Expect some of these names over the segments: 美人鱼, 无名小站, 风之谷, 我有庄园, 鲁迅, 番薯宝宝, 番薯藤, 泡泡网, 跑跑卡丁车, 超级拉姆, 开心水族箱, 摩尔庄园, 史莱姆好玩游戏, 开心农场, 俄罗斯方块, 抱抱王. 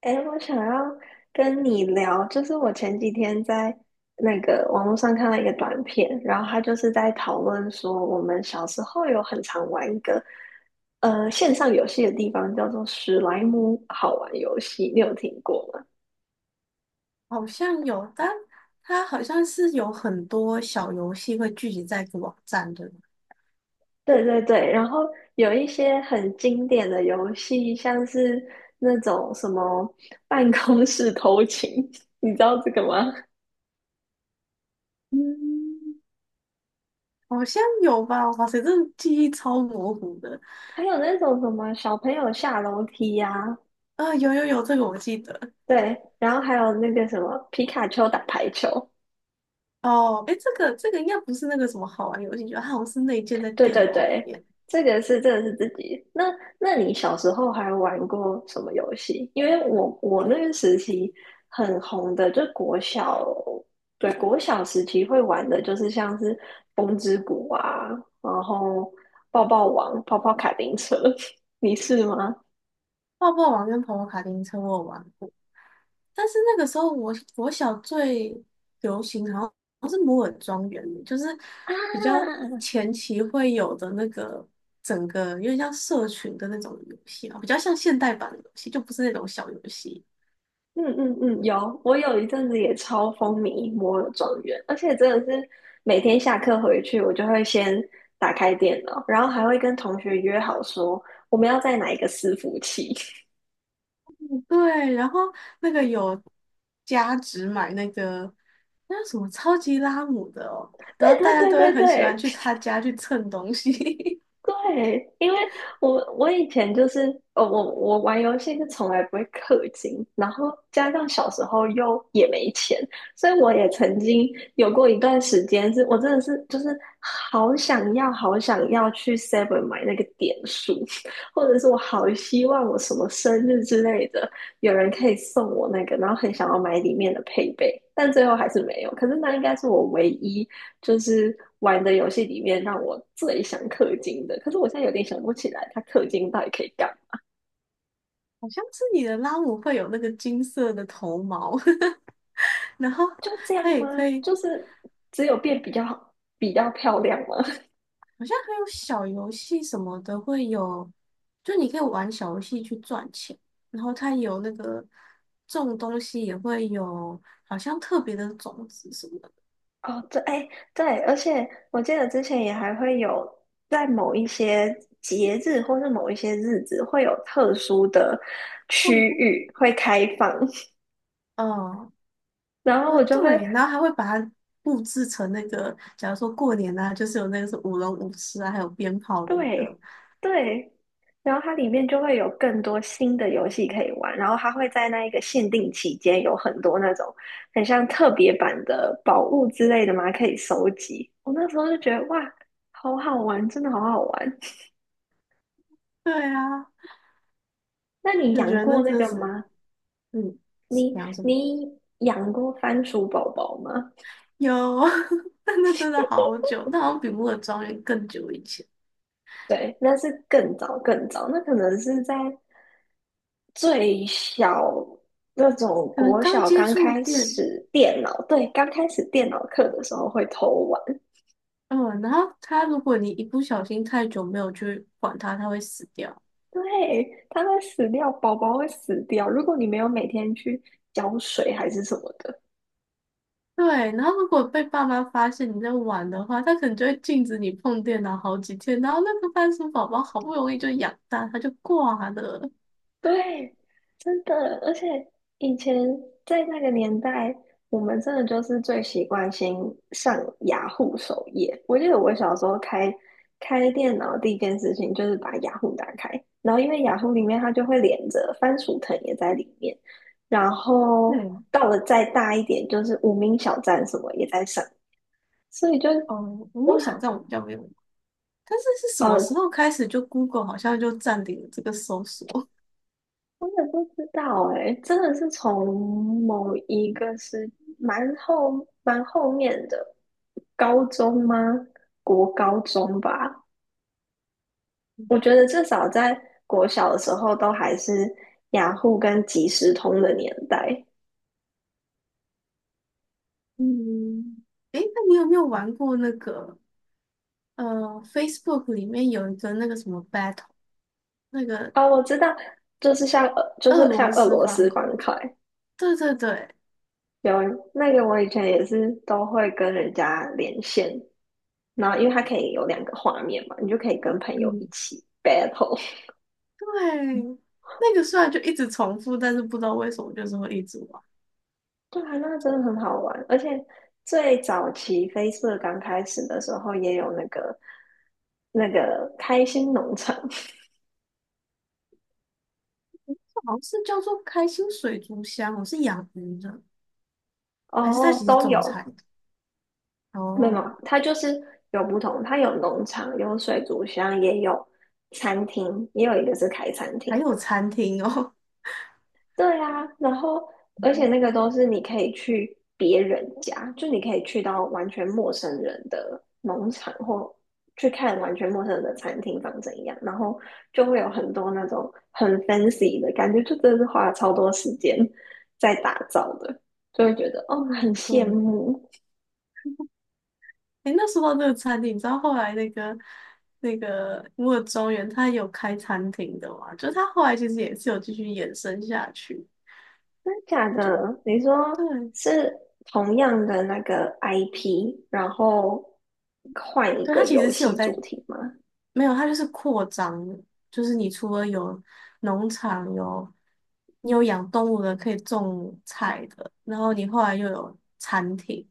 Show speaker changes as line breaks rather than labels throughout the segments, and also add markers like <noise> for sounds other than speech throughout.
哎，我想要跟你聊，就是我前几天在那个网络上看到一个短片，然后他就是在讨论说，我们小时候有很常玩一个线上游戏的地方，叫做史莱姆好玩游戏，你有听过吗？
好像有，但它好像是有很多小游戏会聚集在一个网站，对吗？
对对对，然后有一些很经典的游戏，像是那种什么办公室偷情，<laughs> 你知道这个吗？
嗯，好像有吧？哇塞，这记忆超模糊的。
还有那种什么小朋友下楼梯呀、
啊、有有有，这个我记得。
对，然后还有那个什么皮卡丘打排球，
哦，哎，这个应该不是那个什么好玩游戏，就它好像是内建在
对
电
对
脑里
对，
面。
这个是自己。那你小时候还玩过什么游戏？因为我那个时期很红的，就国小，对国小时期会玩的就是像是风之谷啊，然后抱抱王、跑跑卡丁车，<laughs> 你是吗？
泡泡网跟跑跑卡丁车我有玩过，但是那个时候我小最流行好像是摩尔庄园，就是
啊，
比较前期会有的那个整个有点像社群的那种游戏啊，比较像现代版的游戏，就不是那种小游戏。
嗯嗯嗯，有，我有一阵子也超风靡摩尔庄园，而且真的是每天下课回去，我就会先打开电脑，然后还会跟同学约好说我们要在哪一个伺服器。<laughs>
对，然后那个有加值买那个那叫什么超级拉姆的哦，然
对
后大
对
家
对
都会
对
很喜欢
对，
去他家去蹭东西。<laughs>
对，因为我以前就是我玩游戏是从来不会氪金，然后加上小时候又也没钱，所以我也曾经有过一段时间是，我真的是就是好想要好想要去 Seven 买那个点数，<laughs> 或者是我好希望我什么生日之类的，有人可以送我那个，然后很想要买里面的配备，但最后还是没有。可是那应该是我唯一。就是玩的游戏里面让我最想氪金的，可是我现在有点想不起来，它氪金到底可以干嘛？
好像是你的拉姆会有那个金色的头毛，<laughs> 然后
就这样
它也
吗？
可以。
就是只有变比较好，比较漂亮吗？
好像还有小游戏什么的会有，就你可以玩小游戏去赚钱，然后它有那个种东西也会有，好像特别的种子什么的。
<laughs> 哦，对，哎，对，而且我记得之前也还会有在某一些节日或是某一些日子会有特殊的
动
区
物，
域会开放，
嗯，
<laughs> 然后我就会
对，然后还会把它布置成那个，假如说过年啊，就是有那个是舞龙舞狮啊，还有鞭炮的那个。
对对，然后它里面就会有更多新的游戏可以玩，然后它会在那一个限定期间有很多那种很像特别版的宝物之类的嘛，可以收集。我那时候就觉得哇，好好玩，真的好好玩。
对啊，
那你
就觉
养
得那
过那
真
个
是，
吗？
嗯，
你
讲什么
你养过番薯宝宝吗？
有，<laughs> 但那真的好久，那好像比《摩尔庄园》更久以前。
对，那是更早更早，那可能是在最小那种
可能
国
刚
小
接
刚
触
开
电，
始电脑，对，刚开始电脑课的时候会偷玩，
嗯，然后他如果你一不小心太久没有去管它，它会死掉。
对，它会死掉，宝宝会死掉。如果你没有每天去浇水还是什么的，
对，然后如果被爸妈发现你在玩的话，他可能就会禁止你碰电脑好几天，然后那个番薯宝宝好不容易就养大，它就挂了。
<laughs> 对，真的，而且以前在那个年代，我们真的就是最习惯先上雅虎首页。我记得我小时候开开电脑第一件事情就是把雅虎打开，然后因为雅虎里面它就会连着番薯藤也在里面，然后
对，
到了再大一点就是无名小站什么也在上，所以就
哦，我
哇，
名小在我们家没有玩，但是是什么时
呃。
候开始就 Google 好像就占领了这个搜索？
我也不知道哎、真的是从某一个是蛮后面的高中吗？国高中吧，我觉得至少在国小的时候都还是雅虎跟即时通的年代。
<laughs> 嗯，诶，那你有没有玩过那个呃，Facebook 里面有一个那个什么 Battle，那个
哦，我知道，就
俄
是像
罗
俄
斯
罗斯
方块？
方块，
对对对，
有那个我以前也是都会跟人家连线，然后因为它可以有两个画面嘛，你就可以跟朋友一
嗯，
起 battle。
对，那个虽然就一直重复，但是不知道为什么就是会一直玩。
对啊，那真的很好玩，而且最早期飞 a 刚开始的时候，也有那个开心农场
好像是叫做开心水族箱我是养鱼的，
<laughs>
还是它
哦，
其实
都
种菜
有，
的？
没有，没
哦，
有它就是有不同，它有农场，有水族箱，也有餐厅，也有一个是开餐厅
还有
的。
餐厅哦。
对啊，然后而且
嗯
那个都是你可以去别人家，就你可以去到完全陌生人的农场或去看完全陌生人的餐厅长怎样，然后就会有很多那种很 fancy 的感觉，就真的是花了超多时间在打造的，就会觉得哦很
嗯
羡
对。
慕，
诶，那说到这个餐厅，你知道后来那个摩尔庄园它有开餐厅的嘛？就是它后来其实也是有继续延伸下去。
真的假的？你说
对，
是同样的那个 IP，然后换一
对，
个
它其
游
实是有
戏主
在
题吗？
没有，它就是扩张的就是你除了有农场，有你有养动物的，可以种菜的，然后你后来又有餐厅，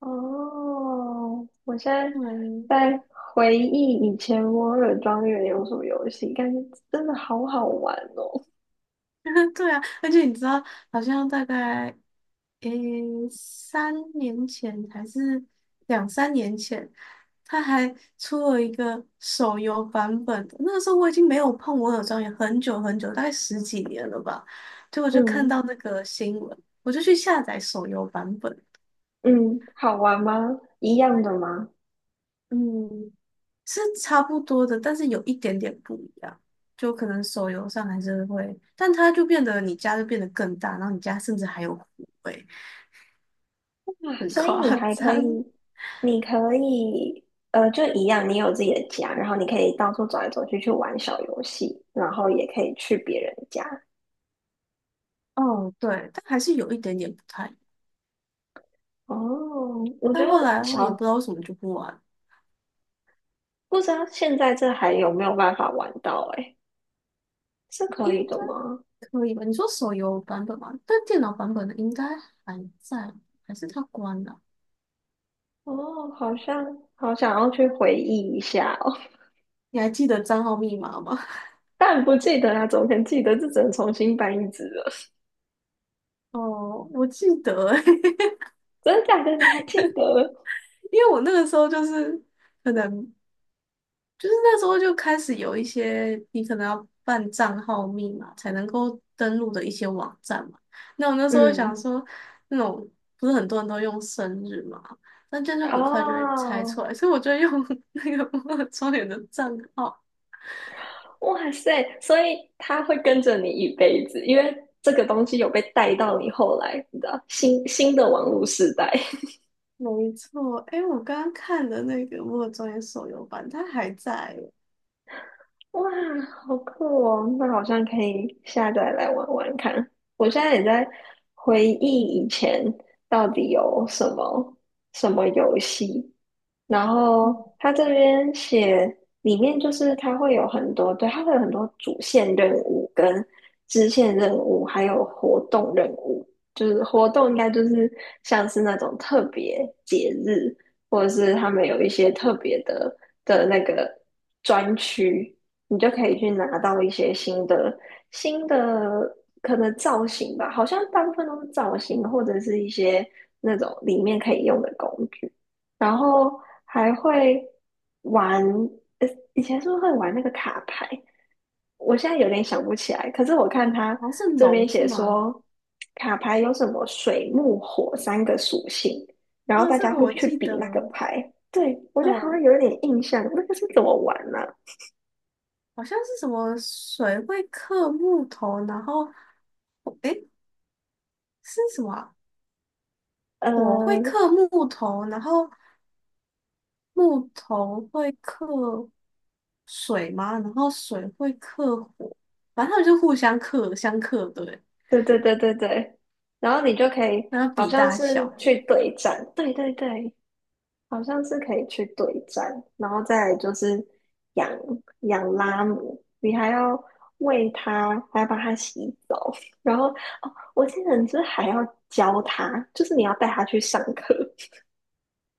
哦，我现在
对，
在回忆以前《摩尔庄园》有什么游戏，感觉真的好好玩哦。
<laughs> 对啊，而且你知道，好像大概诶三年前还是2、3年前，他还出了一个手游版本的那个时候我已经没有碰《我有庄园》很久很久，大概10几年了吧。结果就看
嗯
到那个新闻，我就去下载手游版本。
嗯，好玩吗？一样的吗？
嗯，是差不多的，但是有一点点不一样。就可能手游上还是会，但它就变得你家就变得更大，然后你家甚至还有湖。
啊，
很
所以
夸
你还可
张。
以，你可以，就一样，你有自己的家，然后你可以到处走来走去去玩小游戏，然后也可以去别人家。
<laughs> 哦，对，但还是有一点点不太一样。
哦，我觉
但
得
后来的话也不
小，
知道为什么就不玩，
不知道现在这还有没有办法玩到、欸，诶，是可
应
以的吗？
该可以吧？你说手游版本吗？但电脑版本的应该还在，还是它关了？
哦，好像好想要去回忆一下哦，
你还记得账号密码吗？
<laughs> 但不记得啊，怎么可能记得？这只能重新搬一只了。
<laughs> 哦，我记得欸，<laughs>
<laughs> 真的假的？你还记得？
因为我那个时候就是可能就是那时候就开始有一些你可能要办账号密码才能够登录的一些网站嘛。那我那时候想
嗯，
说，那种不是很多人都用生日嘛，那这样就很快就会猜
哦，
出来，所以我就用 <laughs> 那个摩尔庄园的账号。
哇塞！所以它会跟着你一辈子，因为这个东西有被带到你后来，你知道，新的网络时代。
没错，哎，我刚刚看的那个摩尔庄园手游版，它还在耶。
<laughs> 哇，好酷哦！那好像可以下载来玩玩看。我现在也在回忆以前到底有什么什么游戏。然后
嗯，
他这边写里面就是他会有很多，对，他会有很多主线任务跟支线任务，还有活动任务。就是活动应该就是像是那种特别节日，或者是他们有一些特别的那个专区，你就可以去拿到一些新的可能造型吧，好像大部分都是造型或者是一些那种里面可以用的工具。然后还会玩，呃，以前是不是会玩那个卡牌？我现在有点想不起来。可是我看他
好像是
这边
龙是
写
吗？
说，卡牌有什么水、木、火三个属性，然后
啊，
大
这
家
个
会
我
去
记得，
比那个牌。对，我觉得好像
嗯，
有一点印象，那个是怎么玩呢、
好像是什么水会克木头，然后。哎，是什么啊？火会
呃，
克木头，然后木头会克水吗？然后水会克火，反正他们就互相克，相克对，
对对对对对，然后你就可以，
然后
好
比
像
大
是
小，
去对战，对对对，好像是可以去对战，然后再来就是养养拉姆，你还要喂它，还要帮它洗澡，然后哦，我记得你是不是还要教它，就是你要带它去上课。<laughs>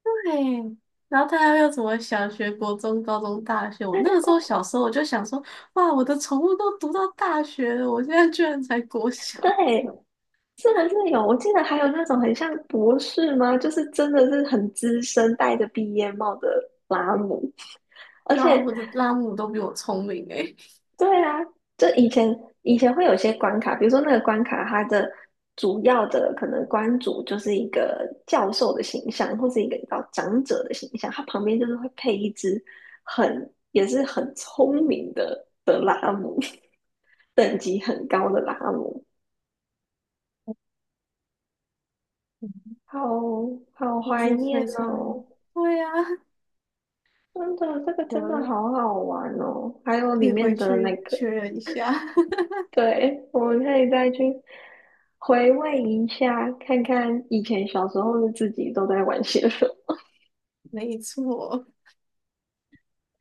对。然后大家又什么小学、国中、高中、大学？我
对
那
对
个时
对
候小时候我就想说，哇，我的宠物都读到大学了，我现在居然才国小，
对，是不是有？我记得还有那种很像博士吗？就是真的是很资深，戴着毕业帽的拉姆。<laughs> 而
对啊，
且
我的拉姆都比我聪明诶、
对啊，就以前会有些关卡，比如说那个关卡，它的主要的可能关主就是一个教授的形象，或是一个比较长者的形象，它旁边就是会配一只很也是很聪明的拉姆，<laughs> 等级很高的拉姆，好好
就
怀
是
念
非常，
哦！
对啊，
真的，这个真的
有
好好玩哦，还有
可
里
以
面
回
的那
去确
个。
认一下。<laughs>
对，我们可以再去回味一下，看看以前小时候的自己都在玩些什么。
没错，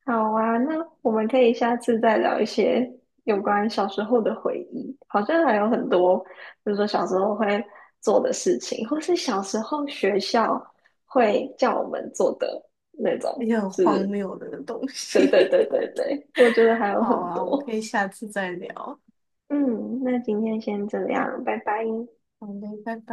好啊，那我们可以下次再聊一些有关小时候的回忆，好像还有很多，比如说小时候会做的事情，或是小时候学校会叫我们做的那种，
一些很
就
荒
是
谬的东
对
西。
对对
<laughs>
对对，我觉得还有
好
很
啊，我们
多。
可以下次再聊。
嗯，那今天先这样，拜拜。
好嘞，拜拜。